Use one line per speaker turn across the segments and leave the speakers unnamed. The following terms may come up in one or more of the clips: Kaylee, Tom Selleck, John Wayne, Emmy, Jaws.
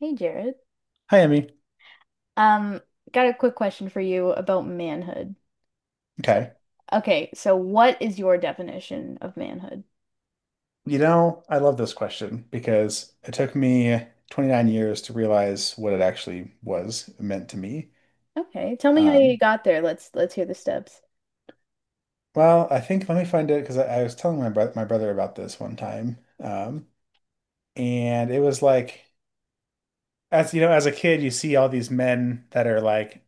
Hey Jared.
Hi, Emmy.
Um, got a quick question for you about manhood. So,
Okay.
okay, so what is your definition of manhood?
I love this question because it took me 29 years to realize what it actually was meant to me.
Okay, tell me how you
Um,
got there. Let's hear the steps.
well, I think let me find it because I was telling my bro my brother about this one time, and it was like, as you know, as a kid, you see all these men that are like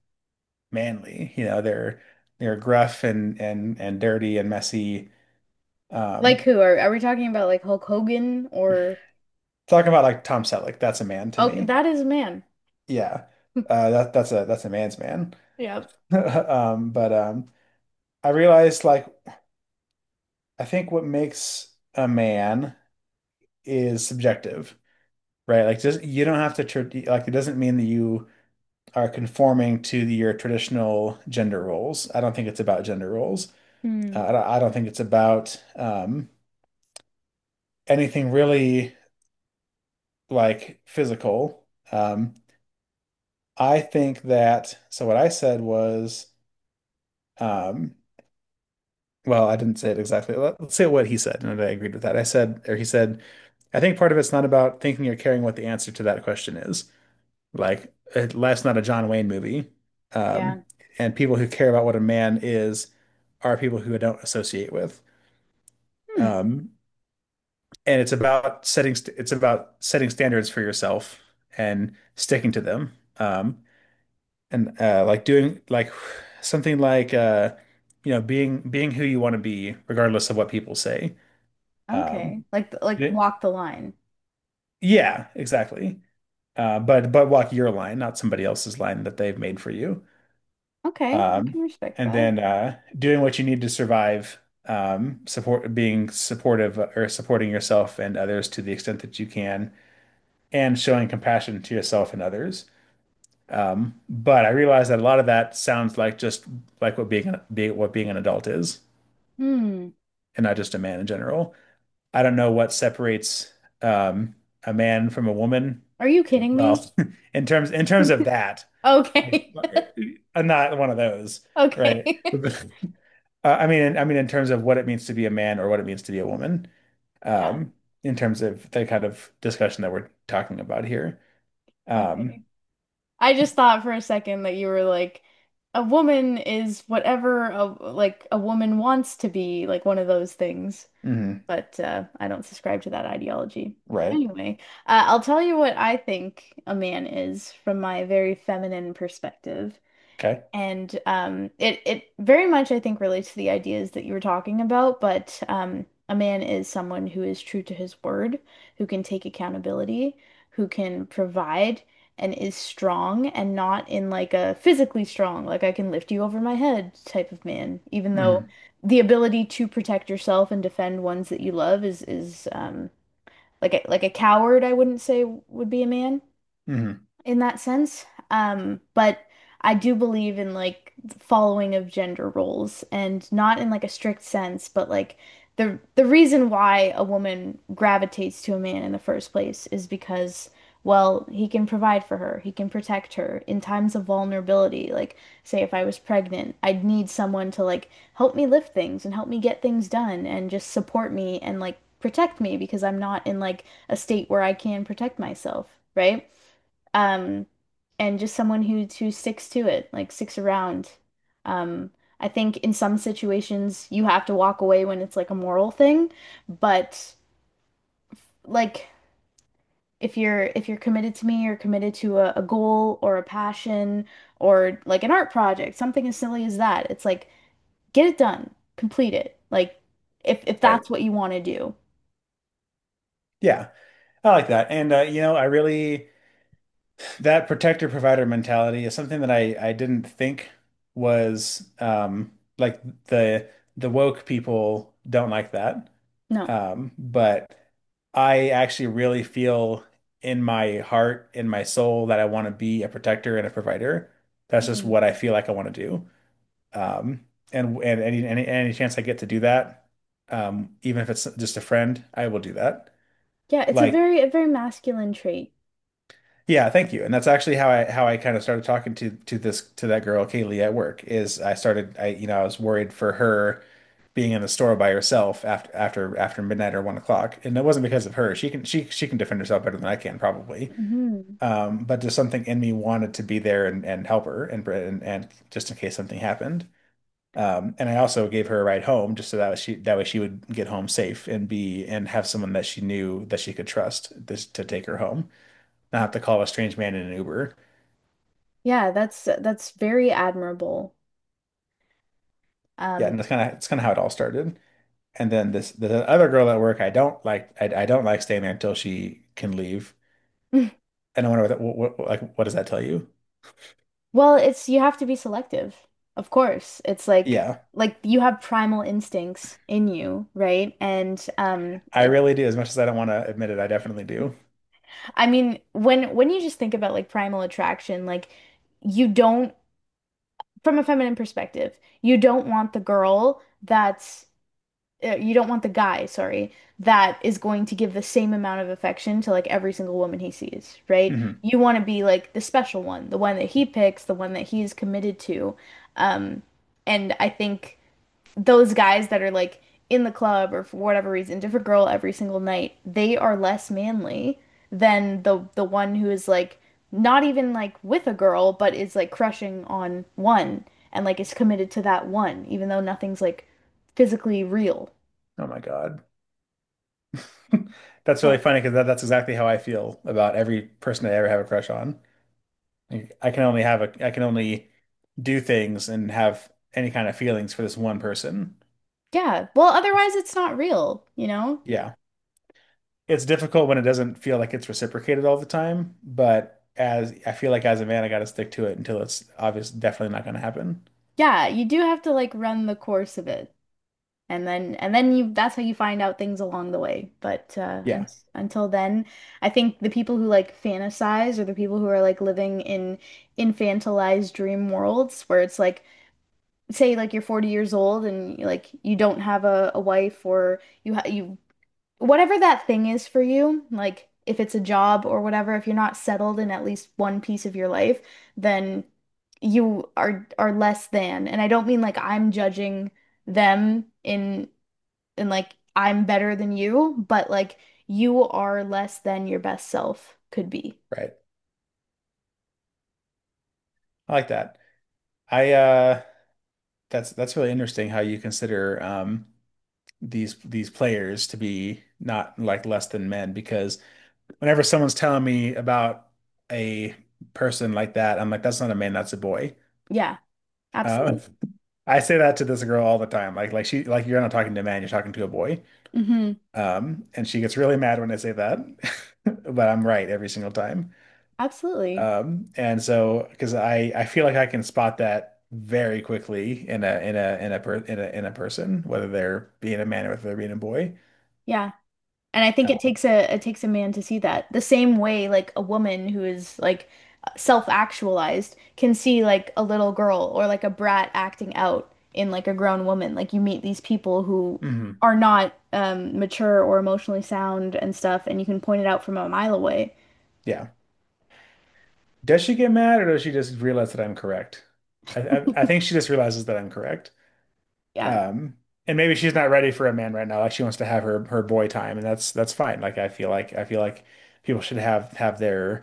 manly. You know, they're gruff and and dirty and messy.
Like
Um,
who are we talking about, like Hulk Hogan? Or
Talking about like Tom Selleck, that's a man to
oh,
me.
that is a man.
Yeah, that's a that's a man's man.
Yep.
But I realized like I think what makes a man is subjective, right? Like just you don't have to tr Like it doesn't mean that you are conforming to your traditional gender roles. I don't think it's about gender roles.
Hmm.
I don't think it's about anything really like physical. Um, I think that so what I said was, um, well, I didn't say it exactly. Let's say what he said, and I agreed with that. I said, or he said, I think part of it's not about thinking or caring what the answer to that question is. Like, life's not a John Wayne movie.
Yeah.
Um, and people who care about what a man is are people who I don't associate with.
Hmm.
Um, and it's about setting standards for yourself and sticking to them. And Like doing like something like being who you want to be, regardless of what people say. Um,
Okay. Like
y-
walk the line.
yeah, exactly. But walk your line, not somebody else's line that they've made for you.
Okay, I
Um,
can respect
and
that.
then doing what you need to survive, support being supportive, or supporting yourself and others to the extent that you can, and showing compassion to yourself and others. But I realize that a lot of that sounds like just like what being an adult is,
Hmm.
and not just a man in general. I don't know what separates, um, a man from a woman.
Are you
And,
kidding me?
well, in terms of that, I,
Okay.
I'm not one of those, right?
Okay.
But I mean, in terms of what it means to be a man or what it means to be a woman,
Yeah.
um, in terms of the kind of discussion that we're talking about here. Um,
Okay. I just thought for a second that you were like, a woman is whatever a, like, a woman wants to be, like one of those things.
mhm,
But I don't subscribe to that ideology. But
right.
anyway, I'll tell you what I think a man is from my very feminine perspective.
Okay.
And it very much, I think, relates to the ideas that you were talking about, but a man is someone who is true to his word, who can take accountability, who can provide and is strong, and not in like a physically strong, like I can lift you over my head type of man. Even though
Hmm.
the ability to protect yourself and defend ones that you love is like a coward, I wouldn't say would be a man
Hmm.
in that sense. But I do believe in like following of gender roles, and not in like a strict sense, but like the reason why a woman gravitates to a man in the first place is because, well, he can provide for her, he can protect her in times of vulnerability. Like, say if I was pregnant, I'd need someone to like help me lift things and help me get things done and just support me and like protect me, because I'm not in like a state where I can protect myself, right? Um, and just someone who sticks to it, like sticks around. Um, I think in some situations you have to walk away when it's like a moral thing, but like if you're committed to me, or committed to a goal or a passion or like an art project, something as silly as that. It's like get it done, complete it. Like if
Right.
that's what you want to do.
Yeah, I like that. And I really. That protector provider mentality is something that I didn't think was, like, the woke people don't like that.
No.
But I actually really feel in my heart, in my soul, that I want to be a protector and a provider. That's just
Mhm.
what I feel like I want to do. Um, and any chance I get to do that, even if it's just a friend, I will do that.
Yeah, it's a
Like,
very a very masculine trait.
yeah, thank you. And that's actually how I kind of started talking to this to that girl Kaylee at work. Is I started I you know I was worried for her being in the store by herself after midnight or 1 o'clock, and it wasn't because of her. She can she can defend herself better than I can probably.
Hmm.
But just something in me wanted to be there and help her and and just in case something happened. And I also gave her a ride home just that way she would get home safe and be and have someone that she knew that she could trust this to take her home, not have to call a strange man in an Uber.
Yeah, that's very admirable.
Yeah,
Um,
and that's kind of how it all started. And then this the other girl at work, I don't like staying there until she can leave. And I wonder what, like, what does that tell you?
well, it's you have to be selective, of course. It's
Yeah,
like you have primal instincts in you, right? And
I really do. As much as I don't want to admit it, I definitely do.
I mean, when you just think about like primal attraction, like you don't, from a feminine perspective, you don't want the girl that's you don't want the guy, sorry, that is going to give the same amount of affection to like every single woman he sees, right?
Hmm.
You want to be like the special one, the one that he picks, the one that he is committed to. Um, and I think those guys that are like in the club or for whatever reason, different girl every single night, they are less manly than the one who is like not even like with a girl, but is like crushing on one and like is committed to that one, even though nothing's like physically real.
Oh my God, that's really
What?
funny because that's exactly how I feel about every person I ever have a crush on. Like, I can only have a I can only do things and have any kind of feelings for this one person.
Yeah. Well,
It's,
otherwise it's not real, you know?
yeah, it's difficult when it doesn't feel like it's reciprocated all the time, but as I feel like as a man, I got to stick to it until it's obvious definitely not going to happen.
Yeah, you do have to like run the course of it. And then you, that's how you find out things along the way. But un
Yeah,
until then, I think the people who like fantasize, or the people who are like living in infantilized dream worlds where it's like say like you're 40 years old and like you don't have a wife, or you ha you, whatever that thing is for you, like if it's a job or whatever, if you're not settled in at least one piece of your life, then you are less than. And I don't mean like I'm judging them in like I'm better than you, but like you are less than your best self could be.
right. I like that. I That's really interesting how you consider, these players to be not like less than men, because whenever someone's telling me about a person like that, I'm like that's not a man, that's a boy.
Yeah,
Uh,
absolutely.
I say that to this girl all the time. Like she like You're not talking to a man, you're talking to a boy.
Hmm.
And she gets really mad when I say that, but I'm right every single time.
Absolutely.
And so, because I feel like I can spot that very quickly in a in a person, whether they're being a man or whether they're being a boy.
Yeah. And I think it
Uh,
takes a, it takes a man to see that. The same way like a woman who is like self-actualized can see like a little girl or like a brat acting out in like a grown woman. Like you meet these people who
mhm.
are not mature or emotionally sound and stuff, and you can point it out from a mile away.
Yeah. Does she get mad or does she just realize that I'm correct? I think she just realizes that I'm correct.
Yeah.
Um, and maybe she's not ready for a man right now. Like she wants to have her boy time, and that's fine. Like I feel like people should have their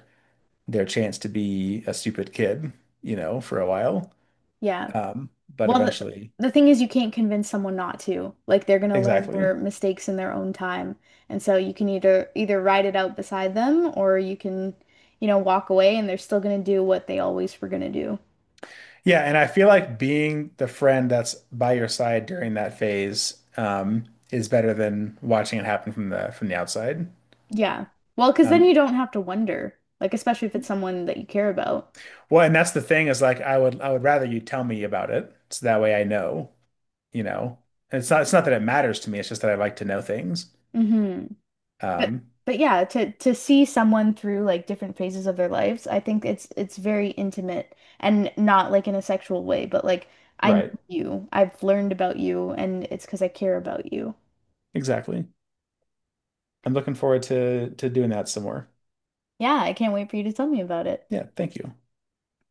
chance to be a stupid kid, you know, for a while.
Yeah.
Um, but
Well,
eventually,
the thing is, you can't convince someone not to. Like they're gonna learn
exactly.
their mistakes in their own time. And so you can either ride it out beside them, or you can, you know, walk away, and they're still gonna do what they always were gonna do.
Yeah, and I feel like being the friend that's by your side during that phase, is better than watching it happen from the outside.
Yeah. Well, because then
Um,
you don't have to wonder, like especially if it's someone that you care about.
well, and that's the thing, is like I would rather you tell me about it so that way I know, you know. And it's not that it matters to me, it's just that I like to know things.
Hmm. But
Um,
but yeah, to see someone through like different phases of their lives, I think it's very intimate, and not like in a sexual way, but like I know
right.
you, I've learned about you, and it's because I care about you.
Exactly. I'm looking forward to doing that some more.
Yeah, I can't wait for you to tell me about it.
Yeah, thank you.